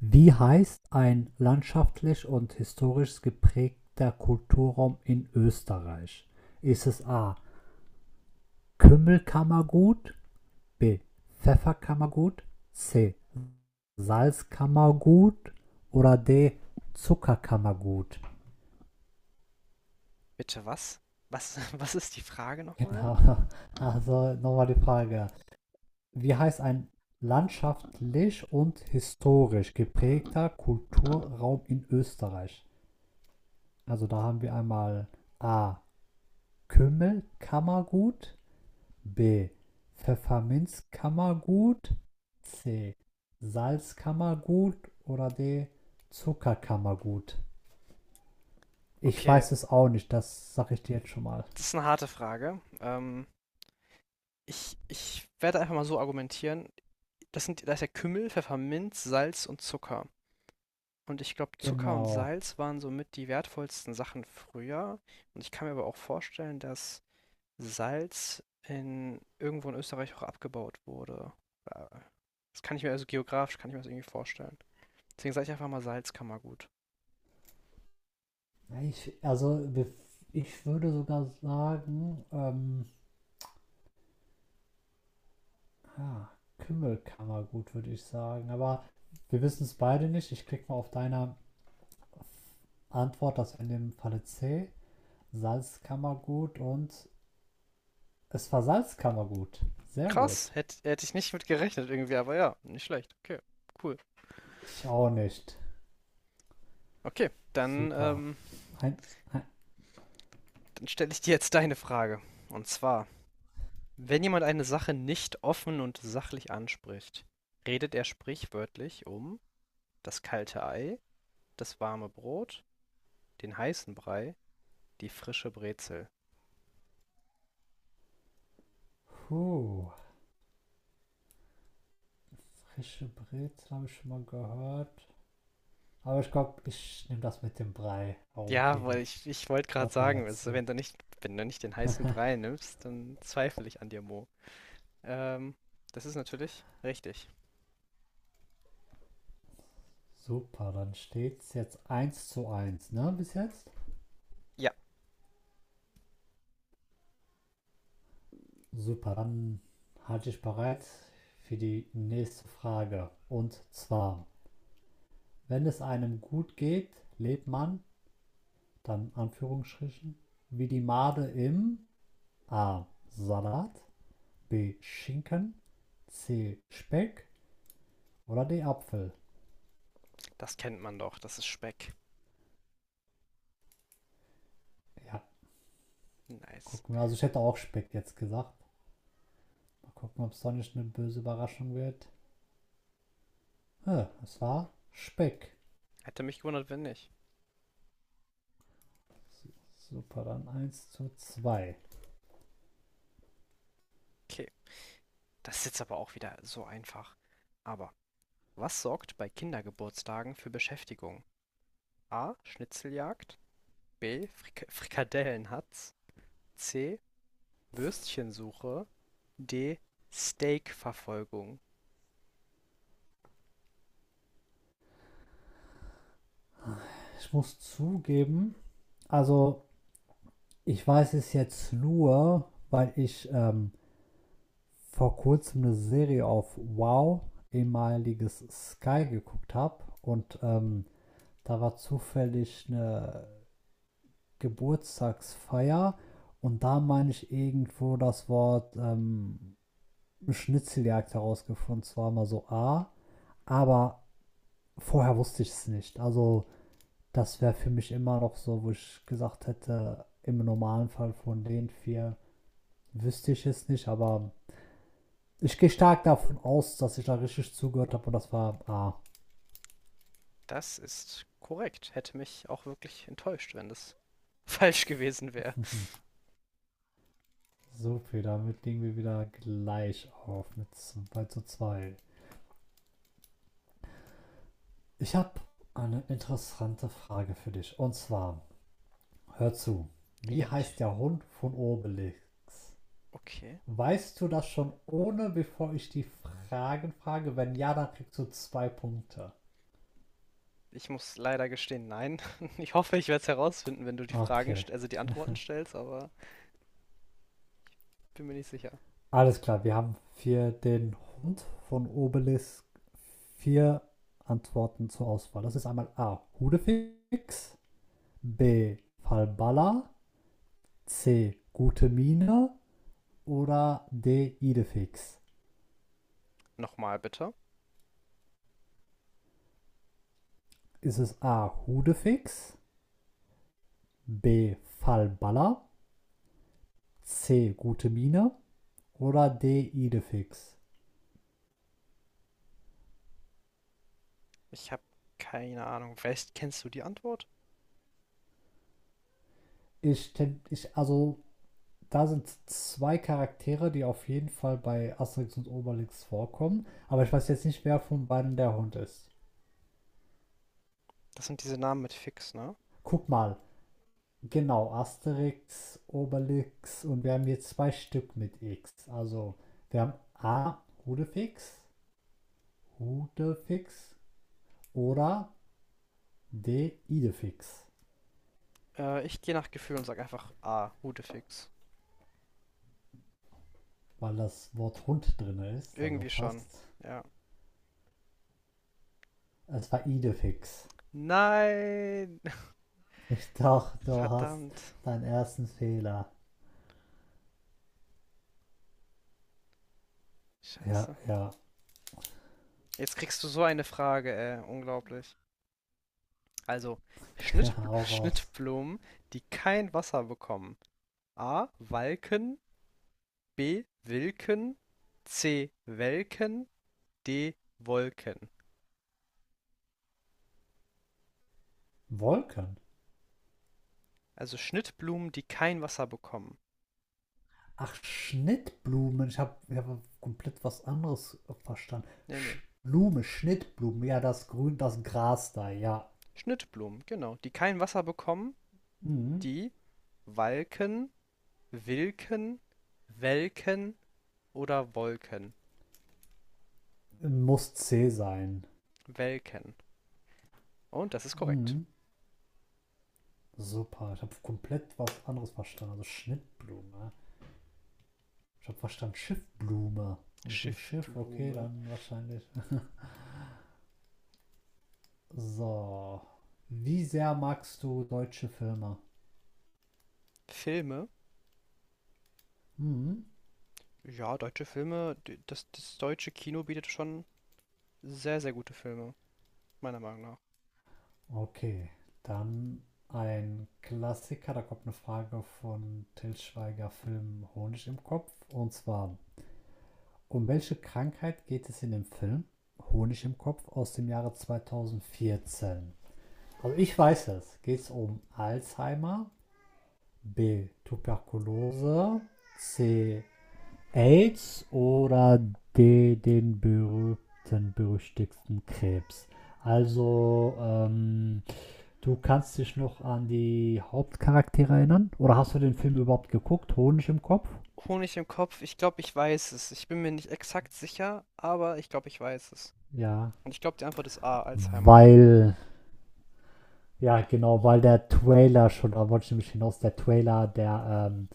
Wie heißt ein landschaftlich und historisch geprägter Kulturraum in Österreich? Ist es A. Kümmelkammergut, B. Pfefferkammergut, C. Salzkammergut oder D. Zuckerkammergut? Bitte was? Was, was ist die Frage nochmal? Genau. Also nochmal die Frage. Wie heißt ein landschaftlich und historisch geprägter Kulturraum in Österreich? Also da haben wir einmal A. Kümmelkammergut, B. Pfefferminzkammergut, C. Salzkammergut oder D. Zuckerkammergut. Ich Okay, weiß es auch nicht, das sage ich dir jetzt schon mal. das ist eine harte Frage. Ich werde einfach mal so argumentieren. Da ist ja Kümmel, Pfefferminz, Salz und Zucker. Und ich glaube, Zucker und Genau. Salz waren somit die wertvollsten Sachen früher. Und ich kann mir aber auch vorstellen, dass irgendwo in Österreich auch abgebaut wurde. Äh, Das kann ich mir also kann ich mir das irgendwie vorstellen. Deswegen sage ich einfach mal Salz kann man gut. Ja, also, ich würde sogar sagen, ah, Kümmelkammergut würde ich sagen. Aber wir wissen es beide nicht. Ich klicke mal auf deine Antwort, das wäre in dem Falle C. Salzkammergut, und es war Salzkammergut. Sehr Krass, gut. hätt ich nicht mit gerechnet irgendwie, aber ja, nicht schlecht. Okay, cool. Ich auch nicht. Okay, dann, Super. Ein, ein, dann stelle ich dir jetzt deine Frage. Und zwar, wenn jemand eine Sache nicht offen und sachlich anspricht, redet er sprichwörtlich um das kalte Ei, das warme Brot, den heißen Brei, die frische Brezel. puh. Frische Brezel habe ich schon mal gehört. Aber ich glaube, ich nehme das mit dem Brei Ja, herumreden. Ich wollte gerade Das war sagen, ja also C. Wenn du nicht den heißen Brei nimmst, dann zweifle ich an dir, Mo. Ähm, das ist natürlich richtig. Super, dann steht es jetzt 1-1, ne, bis jetzt? Ja, Super, dann halte ich bereit für die nächste Frage. Und zwar, wenn es einem gut geht, lebt man, dann Anführungsstrichen, wie die Made im A. Salat, B. Schinken, C. Speck oder D. Apfel. das kennt man doch, das ist Speck. Ja, Nice. gucken wir. Also ich hätte auch Speck jetzt gesagt. Mal gucken, ob es doch nicht eine böse Überraschung wird. Ja, es war Speck. Hätte mich gewundert, wenn nicht. So, Super, dann 1-2. Okay, das ist jetzt aber auch wieder so einfach. Aber was sorgt bei Kindergeburtstagen für Beschäftigung? A. Schnitzeljagd. B. Frikadellenhatz. C. Würstchensuche. D. Steakverfolgung. Ich muss zugeben, also ich weiß es jetzt nur, weil ich vor kurzem eine Serie auf Wow, ehemaliges Sky, geguckt habe. Und da war zufällig eine Geburtstagsfeier und da meine ich irgendwo das Wort Schnitzeljagd herausgefunden, zwar mal so A, aber vorher wusste ich es nicht. Also das wäre für mich immer noch so, wo ich gesagt hätte, im normalen Fall von den vier wüsste ich es nicht, aber ich gehe stark davon aus, dass ich da richtig zugehört habe und das war A. Das ist korrekt. Hätte mich auch wirklich enttäuscht, wenn das falsch gewesen wäre. So viel, damit liegen wir wieder gleich auf mit 2-2. Ich habe eine interessante Frage für dich, und zwar, hör zu. Ja, Wie heißt ich. der Hund von Obelix? Okay. Weißt du das schon ohne, bevor ich die Fragen frage? Wenn ja, dann kriegst du zwei Punkte. Ich muss leider gestehen, nein. Ich hoffe, ich werde es herausfinden, wenn du die Okay. Also die Antworten stellst, aber bin mir nicht sicher. Alles klar, wir haben für den Hund von Obelix vier Antworten zur Auswahl. Das ist einmal A. Hudefix, B. Falbala, C. Gute Miene oder D. Idefix. Nochmal bitte. Ist es A. Hudefix, B. Falbala, C. Gute Mine oder D. Idefix? Ich habe keine Ahnung. Vielleicht kennst du die Antwort? Ich, also, da sind zwei Charaktere, die auf jeden Fall bei Asterix und Obelix vorkommen. Aber ich weiß jetzt nicht, wer von beiden der Hund ist. Das sind diese Namen mit Fix, ne? Guck mal. Genau, Asterix, Obelix, und wir haben hier zwei Stück mit X. Also, wir haben A. Hudefix, Hudefix oder D. Idefix. Ich gehe nach Gefühl und sag einfach A, Hudefix. Weil das Wort Hund drin ist, also Irgendwie schon. fast. Ja. Es war Idefix. Nein! Ich dachte, du hast Verdammt. deinen ersten Fehler. Ja, Scheiße. ja. Jetzt kriegst du so eine Frage, ey. Unglaublich. Also, Schnittbl Hau raus. Schnittblumen, die kein Wasser bekommen. A. Walken. B. Wilken, C. Welken, D. Wolken. Wolken. Also Schnittblumen, die kein Wasser bekommen. Ach, Schnittblumen. Ich habe hab komplett was anderes verstanden. Ne, ne, Sch Blume, Schnittblumen. Ja, das Grün, das Gras da. Ja. Schnittblumen, genau, die kein Wasser bekommen, Mhm. die walken, wilken, welken oder wolken. Muss C sein. Welken. Und das ist korrekt. Mhm. Super. Ich habe komplett was anderes verstanden. Also Schnittblume. Ich habe verstanden Schiffblume. Und deswegen Schiff, okay, Schiffblume. dann wahrscheinlich. So. Wie sehr magst du deutsche Filme? Filme. Mhm. Ja, deutsche Filme, das deutsche Kino bietet schon sehr, sehr gute Filme, meiner Meinung nach. Okay, dann ein Klassiker. Da kommt eine Frage von Til Schweiger Film Honig im Kopf. Und zwar, um welche Krankheit geht es in dem Film Honig im Kopf aus dem Jahre 2014? Also ich weiß es. Geht es um Alzheimer, B, Tuberkulose, C, AIDS oder den berühmten, berüchtigten Krebs. Also, du kannst dich noch an die Hauptcharaktere erinnern? Oder hast du den Film überhaupt geguckt? Honig im Kopf? Honig im Kopf, ich glaube, ich weiß es. Ich bin mir nicht exakt sicher, aber ich glaube, ich weiß es. Ja. Und ich glaube, die Antwort ist A, Alzheimer. Weil, ja, genau, weil der Trailer schon, da wollte ich nämlich hinaus, der Trailer, der, ähm,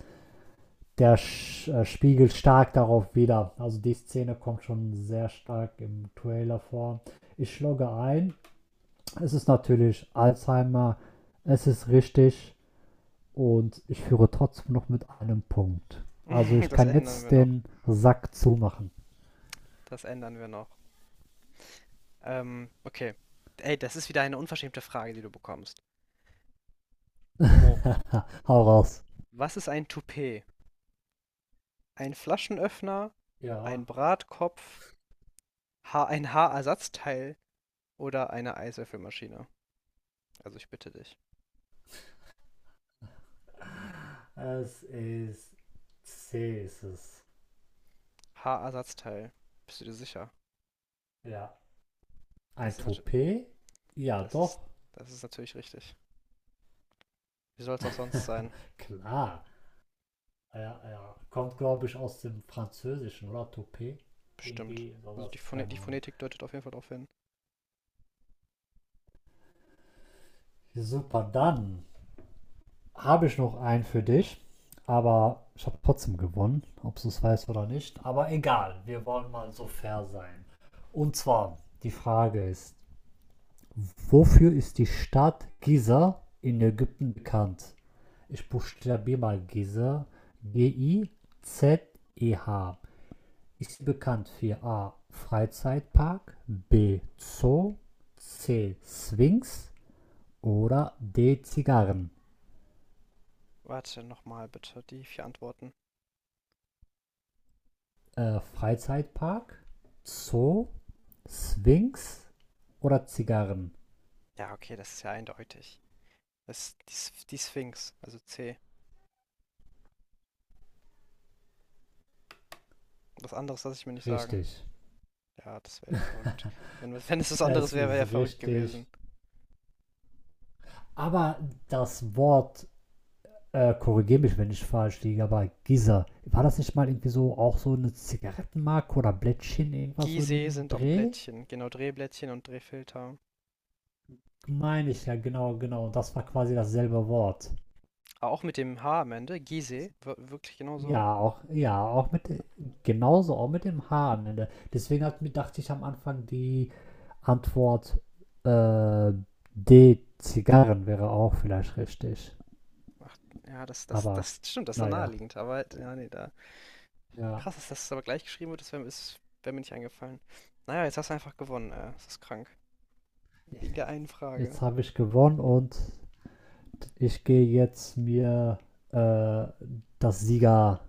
der sch, äh, spiegelt stark darauf wieder. Also, die Szene kommt schon sehr stark im Trailer vor. Ich logge ein. Es ist natürlich Alzheimer, es ist richtig, und ich führe trotzdem noch mit einem Punkt. Also ich Das kann ändern jetzt wir noch. den Sack zumachen. Das ändern wir noch. Okay. Ey, das ist wieder eine unverschämte Frage, die du bekommst. Mo, Hau raus. was ist ein Toupet? Ein Flaschenöffner, ein Ja. Bratkopf, ha ein Haarersatzteil oder eine Eiswürfelmaschine? Also ich bitte dich. Es ist C ist es. Haarersatzteil. Bist du dir sicher? Ja. Ein Das ist natürlich, Toupet? Ja, das ist, doch. das ist natürlich richtig. Wie soll es auch sonst sein? Klar. Ja, ja. Kommt, glaube ich, aus dem Französischen, oder? Toupet? Bestimmt. Irgendwie Also sowas. Phone Keine die Ahnung. Phonetik deutet auf jeden Fall darauf hin. Super, dann habe ich noch einen für dich, aber ich habe trotzdem gewonnen, ob du es weißt oder nicht. Aber egal, wir wollen mal so fair sein. Und zwar, die Frage ist, wofür ist die Stadt Giza in Ägypten bekannt? Ich buchstabiere mal Giza: Gizeh. Ist sie bekannt für A. Freizeitpark, B. Zoo, C. Sphinx oder D. Zigarren? Warte nochmal bitte, die vier Antworten. Freizeitpark, Zoo, Sphinx oder Zigarren? Ja, okay, das ist ja eindeutig. Das ist die Sphinx, also C. Was anderes lasse ich mir nicht sagen. Richtig. Ja, das wäre ja verrückt. Wenn, wenn es was anderes Es wäre, wäre ja ist verrückt richtig. gewesen. Aber das Wort, korrigiere mich, wenn ich falsch liege, aber Giza, war das nicht mal irgendwie so auch so eine Zigarettenmarke oder Blättchen, irgendwas so in Gizeh dem sind auch Dreh? Blättchen. Genau, Drehblättchen und Drehfilter. Meine ich ja, genau, genau. Und das war quasi dasselbe Wort. Aber auch mit dem H am Ende. Gizeh, wirklich genau so. Ja, auch mit, genauso, auch mit dem H am Ende. Deswegen hat, dachte ich am Anfang, die Antwort äh, D, Zigarren wäre auch vielleicht richtig. Ach, ja, Aber das stimmt, das ist ja naja, naheliegend. Aber ja, nee, da. ja. Krass, dass das aber gleich geschrieben wird, das wär mir nicht eingefallen. Naja, jetzt hast du einfach gewonnen. Das ist krank. Wegen der einen Frage. Jetzt habe ich gewonnen, und ich gehe jetzt mir äh, das Sieger,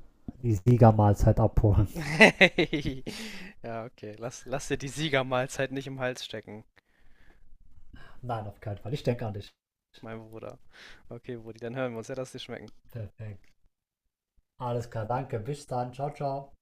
die Siegermahlzeit abholen. Ja, okay. Lass dir die Siegermahlzeit nicht im Hals stecken, Nein, auf keinen Fall. Ich denke an dich. mein Bruder. Okay, Brudi, dann hören wir uns. Ja, lass dir schmecken. Perfekt. Alles klar, danke. Bis dann. Ciao, ciao.